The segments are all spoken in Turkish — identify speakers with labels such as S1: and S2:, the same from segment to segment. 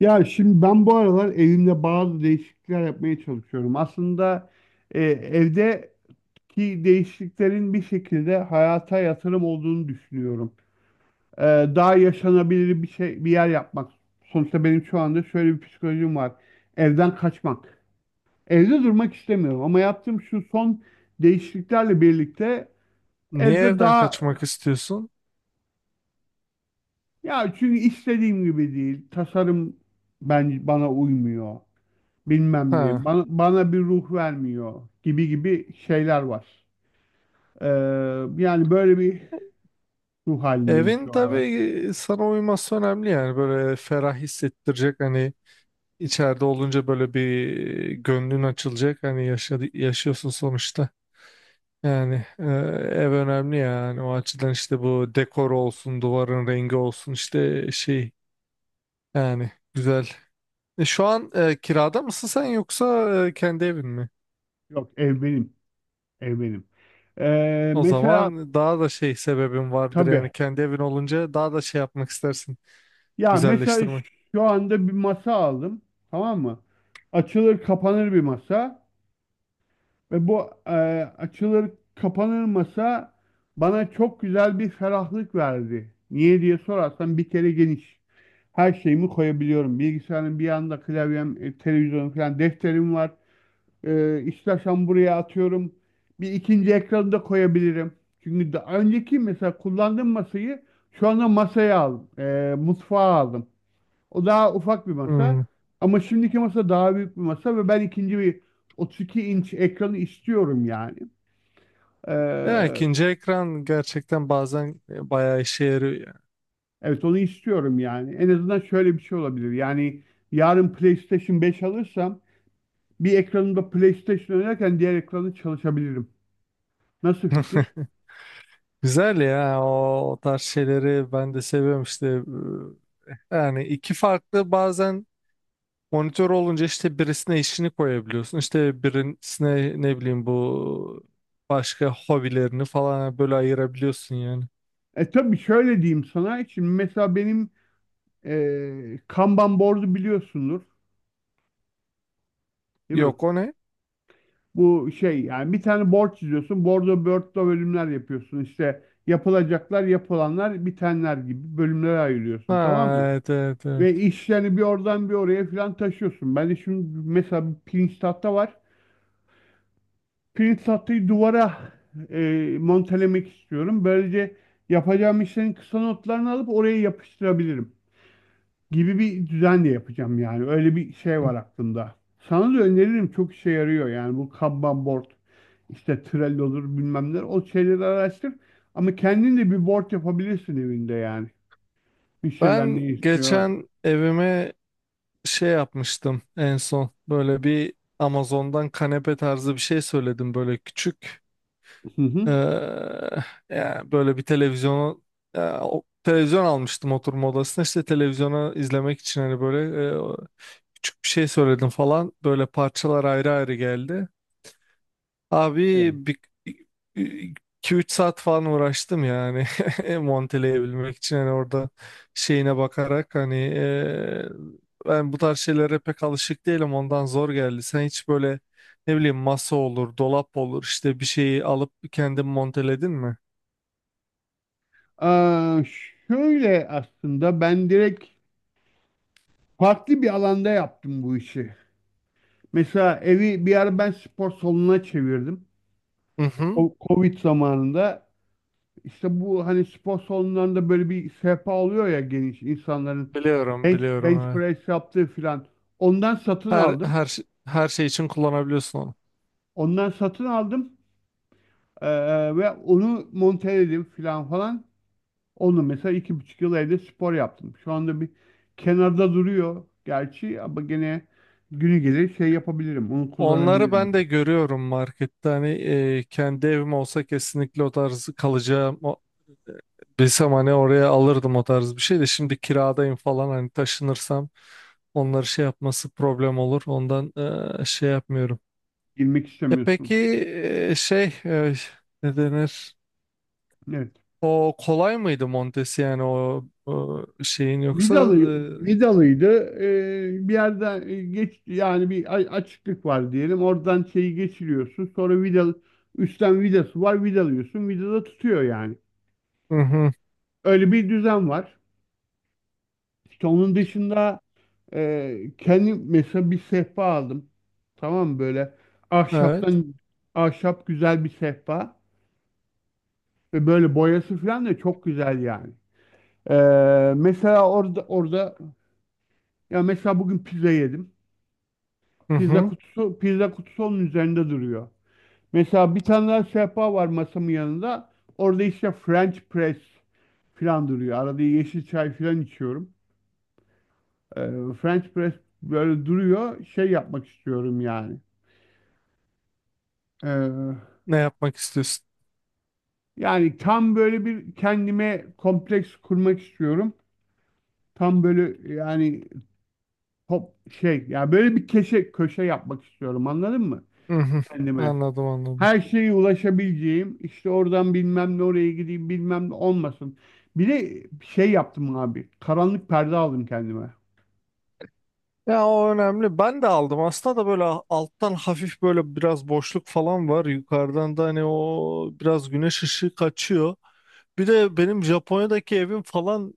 S1: Ya şimdi ben bu aralar evimde bazı değişiklikler yapmaya çalışıyorum. Aslında evdeki değişikliklerin bir şekilde hayata yatırım olduğunu düşünüyorum. E, Daha yaşanabilir bir şey, bir yer yapmak. Sonuçta benim şu anda şöyle bir psikolojim var. Evden kaçmak. Evde durmak istemiyorum ama yaptığım şu son değişikliklerle birlikte
S2: Niye
S1: evde
S2: evden
S1: daha
S2: kaçmak istiyorsun?
S1: ya çünkü istediğim gibi değil. Tasarım bence bana uymuyor. Bilmem
S2: Ha.
S1: ne bana bir ruh vermiyor gibi gibi şeyler var. Ee, Yani böyle bir ruh halindeyim
S2: Evin
S1: şu
S2: tabii
S1: an.
S2: sana uyması önemli, yani böyle ferah hissettirecek, hani içeride olunca böyle bir gönlün açılacak, hani yaşıyorsun sonuçta. Yani ev önemli, yani o açıdan, işte bu dekor olsun, duvarın rengi olsun, işte şey, yani güzel. Şu an kirada mısın sen, yoksa kendi evin mi?
S1: Yok ev benim. Ev benim.
S2: O
S1: Mesela
S2: zaman daha da şey sebebin vardır,
S1: tabii
S2: yani kendi evin olunca daha da şey yapmak istersin.
S1: ya mesela
S2: Güzelleştirmek.
S1: şu anda bir masa aldım, tamam mı? Açılır kapanır bir masa. Ve bu açılır kapanır masa bana çok güzel bir ferahlık verdi. Niye diye sorarsan, bir kere geniş. Her şeyimi koyabiliyorum. Bilgisayarın bir yanında klavyem, televizyonum falan, defterim var. İstersen buraya atıyorum. Bir ikinci ekranı da koyabilirim. Çünkü daha önceki mesela kullandığım masayı şu anda masaya aldım. Mutfağa aldım. O daha ufak bir
S2: Hmm.
S1: masa. Ama şimdiki masa daha büyük bir masa ve ben ikinci bir 32 inç ekranı istiyorum yani.
S2: Ya,
S1: Ee,
S2: ikinci ekran gerçekten bazen bayağı işe yarıyor yani.
S1: evet, onu istiyorum yani. En azından şöyle bir şey olabilir. Yani yarın PlayStation 5 alırsam bir ekranımda PlayStation oynarken diğer ekranı çalışabilirim. Nasıl fikir?
S2: Güzel ya, o tarz şeyleri ben de seviyorum işte. Yani iki farklı, bazen monitör olunca işte birisine işini koyabiliyorsun, İşte birisine ne bileyim bu başka hobilerini falan böyle ayırabiliyorsun yani.
S1: Tabii şöyle diyeyim sana. Şimdi mesela benim Kanban board'u biliyorsundur, değil mi?
S2: Yok, o ne?
S1: Bu şey, yani bir tane board çiziyorsun. Bordo börtlo bölümler yapıyorsun. İşte yapılacaklar, yapılanlar, bitenler gibi bölümlere
S2: Ha,
S1: ayırıyorsun, tamam mı?
S2: evet, evet, evet.
S1: Ve işlerini bir oradan bir oraya falan taşıyorsun. Ben de şimdi mesela bir pirinç tahta var. Pirinç tahtayı duvara montelemek istiyorum. Böylece yapacağım işlerin kısa notlarını alıp oraya yapıştırabilirim gibi bir düzen de yapacağım yani. Öyle bir şey var aklımda. Sana da öneririm, çok işe yarıyor yani bu Kanban board. İşte Trello olur, bilmem neler. O şeyleri araştır. Ama kendin de bir board yapabilirsin evinde yani. Müşteriler ne
S2: Ben
S1: istiyor?
S2: geçen evime şey yapmıştım en son, böyle bir Amazon'dan kanepe tarzı bir şey söyledim, böyle küçük.
S1: Hı hı.
S2: Ee, Yani böyle bir televizyonu, ya, televizyon almıştım oturma odasına, işte televizyonu izlemek için, hani böyle e, küçük bir şey söyledim falan, böyle parçalar ayrı ayrı geldi. Abi
S1: Evet.
S2: bir 2-3 saat falan uğraştım yani, monteleyebilmek için, hani orada şeyine bakarak, hani ben bu tarz şeylere pek alışık değilim, ondan zor geldi. Sen hiç böyle ne bileyim masa olur, dolap olur, işte bir şeyi alıp kendin monteledin mi?
S1: Aa, şöyle aslında ben direkt farklı bir alanda yaptım bu işi. Mesela evi bir ara ben spor salonuna çevirdim.
S2: Hı hı.
S1: O Covid zamanında, işte bu hani spor salonlarında böyle bir sehpa oluyor ya, geniş, insanların
S2: Biliyorum,
S1: bench,
S2: biliyorum.
S1: bench
S2: Evet.
S1: press yaptığı filan. Ondan satın
S2: Her
S1: aldım.
S2: her şey- her şey için kullanabiliyorsun onu.
S1: Ondan satın aldım. Ee, Ve onu monteledim filan falan. Onu mesela 2,5 yıl evde spor yaptım. Şu anda bir kenarda duruyor gerçi ama gene günü gelir şey yapabilirim. Onu
S2: Onları
S1: kullanabilirim
S2: ben de
S1: ya.
S2: görüyorum markette. Hani kendi evim olsa kesinlikle o tarz kalacağım. Bilsem hani oraya alırdım o tarz bir şey de, şimdi kiradayım falan, hani taşınırsam onları şey yapması problem olur. Ondan şey yapmıyorum.
S1: Girmek
S2: E
S1: istemiyorsun.
S2: peki şey, ne denir?
S1: Evet.
S2: O kolay mıydı montesi, yani o şeyin yoksa?
S1: Vidalı, vidalıydı. Bir yerden geç yani, bir açıklık var diyelim. Oradan şeyi geçiriyorsun. Sonra üstten vidası var. Vidalıyorsun. Vidada tutuyor yani.
S2: Hı hı,
S1: Öyle bir düzen var. İşte onun dışında, kendi mesela bir sehpa aldım. Tamam mı? Böyle
S2: evet.
S1: ahşaptan, ahşap güzel bir sehpa ve böyle boyası falan da çok güzel yani. Mesela orada ya mesela bugün pizza yedim.
S2: Hı
S1: Pizza
S2: hı.
S1: kutusu pizza kutusu onun üzerinde duruyor. Mesela bir tane daha sehpa var masamın yanında. Orada işte French press falan duruyor. Arada yeşil çay falan içiyorum. Ee, French press böyle duruyor. Şey yapmak istiyorum yani.
S2: Ne yapmak istiyorsun?
S1: Yani tam böyle bir kendime kompleks kurmak istiyorum. Tam böyle yani top şey ya, böyle bir keşe köşe yapmak istiyorum, anladın mı?
S2: Hı hı.
S1: Kendime.
S2: Anladım, anladım.
S1: Her şeye ulaşabileceğim, işte oradan bilmem ne, oraya gideyim bilmem ne olmasın. Bir de şey yaptım abi. Karanlık perde aldım kendime.
S2: Ya, o önemli. Ben de aldım. Aslında da böyle alttan hafif böyle biraz boşluk falan var. Yukarıdan da hani o biraz güneş ışığı kaçıyor. Bir de benim Japonya'daki evim falan,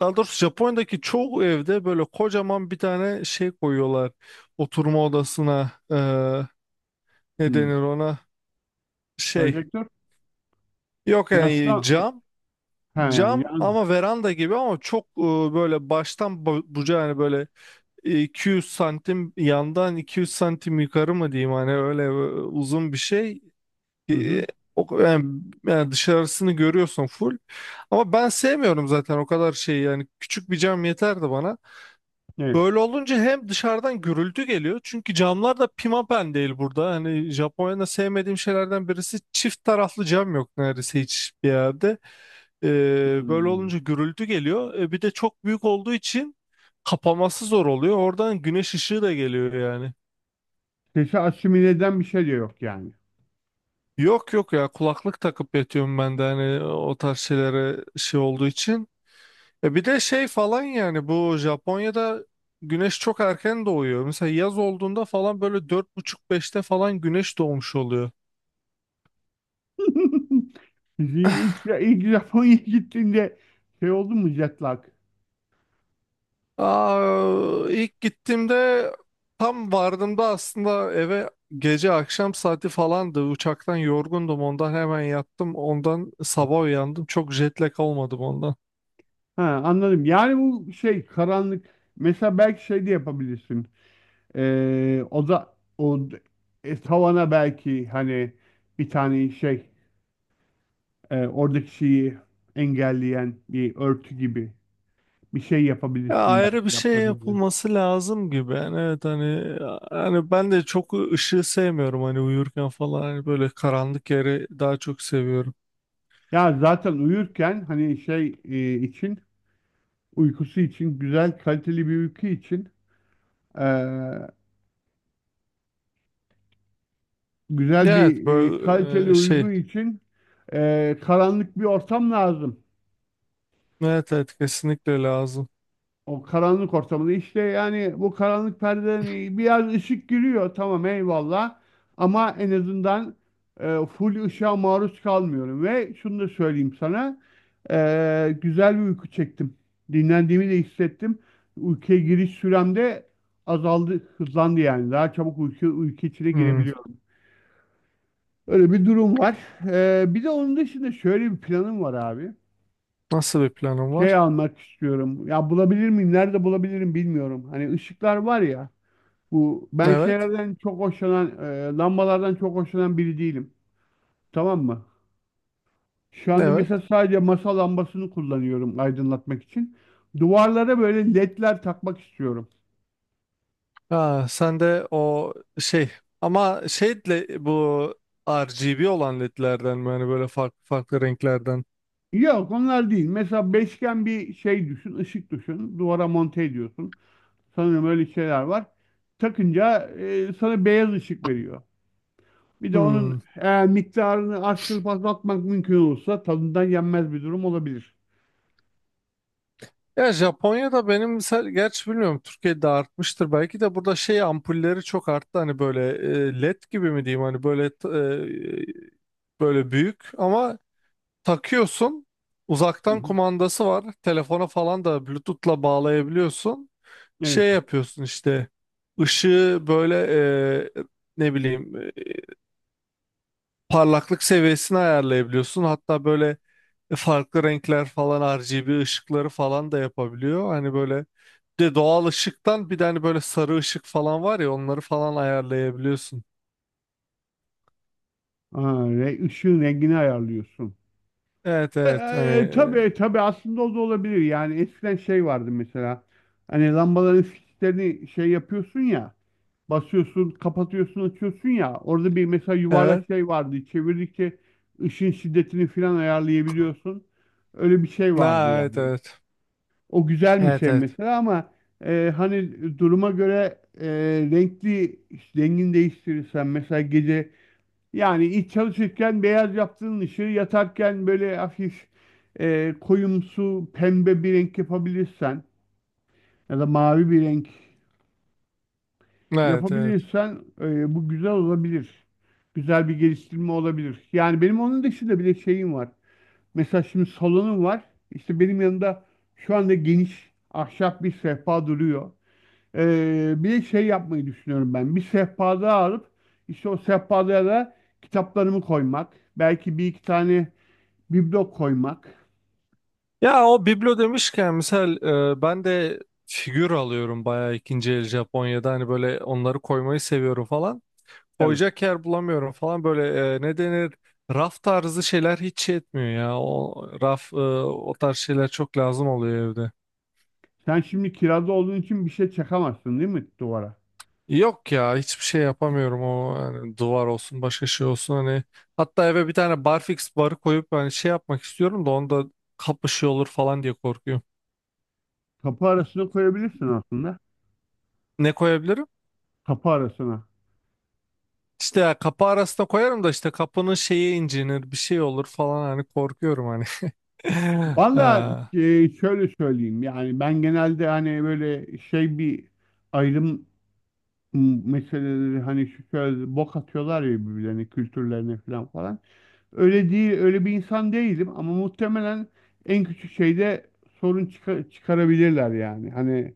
S2: daha doğrusu Japonya'daki çoğu evde böyle kocaman bir tane şey koyuyorlar. Oturma odasına ne
S1: Hmm.
S2: denir ona, şey.
S1: Projektör.
S2: Yok yani,
S1: Yansıtan
S2: cam.
S1: he,
S2: Cam
S1: yan,
S2: ama veranda gibi, ama çok böyle baştan bucağı, hani böyle 200 santim yandan, 200 santim yukarı mı diyeyim, hani öyle uzun bir şey.
S1: hı hı,
S2: E, o, yani, yani dışarısını görüyorsun full. Ama ben sevmiyorum zaten o kadar şeyi, yani küçük bir cam yeterdi bana.
S1: evet.
S2: Böyle olunca hem dışarıdan gürültü geliyor, çünkü camlar da pimapen değil burada. Hani Japonya'da sevmediğim şeylerden birisi, çift taraflı cam yok neredeyse hiçbir yerde. E, Böyle
S1: Hmm.
S2: olunca gürültü geliyor. Bir de çok büyük olduğu için kapaması zor oluyor. Oradan güneş ışığı da geliyor yani.
S1: Sesi asimile eden bir şey de yok yani.
S2: Yok yok ya, kulaklık takıp yatıyorum ben de, hani o tarz şeylere şey olduğu için. Bir de şey falan, yani bu Japonya'da güneş çok erken doğuyor. Mesela yaz olduğunda falan böyle 4:30 5'te falan güneş doğmuş oluyor.
S1: İlk Japonya'ya gittiğinde şey oldu mu, jetlak?
S2: Aa, ilk gittiğimde tam vardığımda aslında eve gece akşam saati falandı. Uçaktan yorgundum, ondan hemen yattım. Ondan sabah uyandım. Çok jet lag olmadım ondan.
S1: Ha, anladım. Yani bu şey, karanlık. Mesela belki şey de yapabilirsin. O da o tavana belki hani bir tane şey oradaki şeyi engelleyen bir örtü gibi bir şey
S2: Ya,
S1: yapabilirsin, belki
S2: ayrı bir şey
S1: yaptırabilirsin.
S2: yapılması lazım gibi. Yani evet hani ben de çok ışığı sevmiyorum, hani uyurken falan, hani böyle karanlık yeri daha çok seviyorum.
S1: Ya zaten uyurken hani şey için, uykusu için, güzel kaliteli bir uyku için e, güzel
S2: Evet
S1: bir
S2: böyle
S1: kaliteli
S2: şey,
S1: uygu için karanlık bir ortam lazım.
S2: evet evet, kesinlikle lazım.
S1: O karanlık ortamında işte, yani bu karanlık perdeden biraz ışık giriyor, tamam, eyvallah, ama en azından full ışığa maruz kalmıyorum ve şunu da söyleyeyim sana, güzel bir uyku çektim. Dinlendiğimi de hissettim. Uykuya giriş sürem de azaldı, hızlandı yani. Daha çabuk uyku içine
S2: Hmm.
S1: girebiliyorum. Öyle bir durum var. Bir de onun dışında şöyle bir planım var abi.
S2: Nasıl bir planım
S1: Şey
S2: var?
S1: almak istiyorum. Ya bulabilir miyim? Nerede bulabilirim bilmiyorum. Hani ışıklar var ya. Bu ben
S2: Evet.
S1: şeylerden çok hoşlanan, lambalardan çok hoşlanan biri değilim. Tamam mı? Şu anda
S2: Evet.
S1: mesela sadece masa lambasını kullanıyorum aydınlatmak için. Duvarlara böyle ledler takmak istiyorum.
S2: Ha, sen de o şey, ama şeyle bu RGB olan ledlerden mi? Hani böyle farklı farklı renklerden.
S1: Yok, onlar değil. Mesela beşgen bir şey düşün, ışık düşün. Duvara monte ediyorsun. Sanırım öyle şeyler var. Takınca sana beyaz ışık veriyor. Bir de onun
S2: Hmm.
S1: miktarını arttırıp azaltmak mümkün olursa tadından yenmez bir durum olabilir.
S2: Ya Japonya'da benim mesela, gerçi bilmiyorum Türkiye'de artmıştır belki de, burada şey ampulleri çok arttı hani böyle led gibi mi diyeyim, hani böyle böyle büyük ama takıyorsun.
S1: Hı
S2: Uzaktan
S1: hı.
S2: kumandası var. Telefona falan da Bluetooth'la bağlayabiliyorsun. Şey
S1: Evet.
S2: yapıyorsun işte. Işığı böyle e, ne bileyim parlaklık seviyesini ayarlayabiliyorsun. Hatta böyle farklı renkler falan, RGB ışıkları falan da yapabiliyor. Hani böyle bir de doğal ışıktan, bir de hani böyle sarı ışık falan var ya, onları falan ayarlayabiliyorsun.
S1: Aa, ışığın rengini ayarlıyorsun.
S2: Evet evet, hani
S1: Tabii tabii, aslında o da olabilir. Yani eskiden şey vardı mesela. Hani lambaların fişlerini şey yapıyorsun ya, basıyorsun, kapatıyorsun, açıyorsun ya. Orada bir mesela
S2: evet.
S1: yuvarlak şey vardı. Çevirdikçe ışın şiddetini falan ayarlayabiliyorsun. Öyle bir şey vardı
S2: Ha,
S1: yani.
S2: evet evet.
S1: O güzel bir
S2: Evet
S1: şey
S2: evet.
S1: mesela ama hani duruma göre, renkli, rengini değiştirirsen mesela gece, yani iç çalışırken beyaz yaptığın ışığı yatarken böyle hafif koyumsu pembe bir renk yapabilirsen ya da mavi bir renk
S2: Evet evet.
S1: yapabilirsen bu güzel olabilir. Güzel bir geliştirme olabilir. Yani benim onun dışında bile şeyim var. Mesela şimdi salonum var. İşte benim yanında şu anda geniş ahşap bir sehpa duruyor. Bir de şey yapmayı düşünüyorum ben. Bir sehpa daha alıp işte o sehpada da kitaplarımı koymak. Belki bir iki tane biblo koymak.
S2: Ya, o biblo demişken misal ben de figür alıyorum bayağı, ikinci el Japonya'da hani böyle onları koymayı seviyorum falan.
S1: Tabii.
S2: Koyacak yer bulamıyorum falan, böyle ne denir, raf tarzı şeyler hiç şey etmiyor ya. O raf, o tarz şeyler çok lazım oluyor evde.
S1: Sen şimdi kirada olduğun için bir şey çakamazsın değil mi duvara?
S2: Yok ya, hiçbir şey yapamıyorum, o hani duvar olsun başka şey olsun, hani hatta eve bir tane barfix barı koyup hani şey yapmak istiyorum da, onda kapışıyor olur falan diye korkuyorum.
S1: Kapı arasına koyabilirsin aslında.
S2: Ne koyabilirim?
S1: Kapı arasına.
S2: İşte ya kapı arasına koyarım da, işte kapının şeyi incinir bir şey olur falan hani, korkuyorum hani.
S1: Valla,
S2: Ha.
S1: şöyle söyleyeyim yani, ben genelde hani böyle şey, bir ayrım meseleleri, hani şu şöyle bok atıyorlar ya birbirlerine, kültürlerine falan falan. Öyle değil, öyle bir insan değilim ama muhtemelen en küçük şeyde sorun çıkarabilirler yani. Hani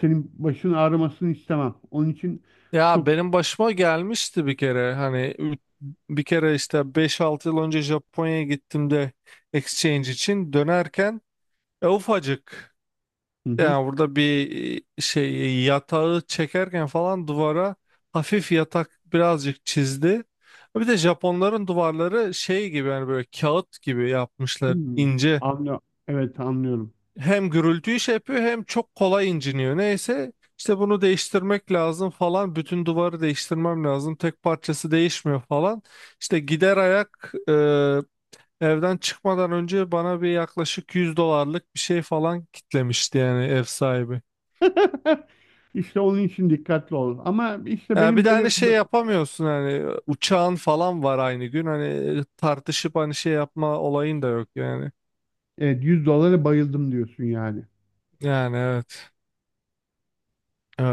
S1: senin başın ağrımasını istemem. Onun için
S2: Ya,
S1: çok.
S2: benim başıma gelmişti bir kere hani, bir kere işte 5-6 yıl önce Japonya'ya gittim de, exchange için dönerken ufacık,
S1: Hı hı.
S2: yani burada bir şey yatağı çekerken falan duvara, hafif yatak birazcık çizdi. Bir de Japonların duvarları şey gibi, yani böyle kağıt gibi yapmışlar
S1: Hmm.
S2: ince,
S1: Anlıyorum. Evet, anlıyorum.
S2: hem gürültüyü şey yapıyor hem çok kolay inciniyor. Neyse, işte bunu değiştirmek lazım falan. Bütün duvarı değiştirmem lazım. Tek parçası değişmiyor falan. İşte gider ayak evden çıkmadan önce bana bir yaklaşık 100 dolarlık bir şey falan kitlemişti yani, ev sahibi.
S1: İşte onun için dikkatli ol. Ama işte
S2: Ya
S1: benim
S2: bir de
S1: böyle
S2: hani şey yapamıyorsun, hani uçağın falan var aynı gün, hani tartışıp hani şey yapma olayın da yok yani.
S1: evet, 100 dolara bayıldım diyorsun yani.
S2: Yani evet. Evet.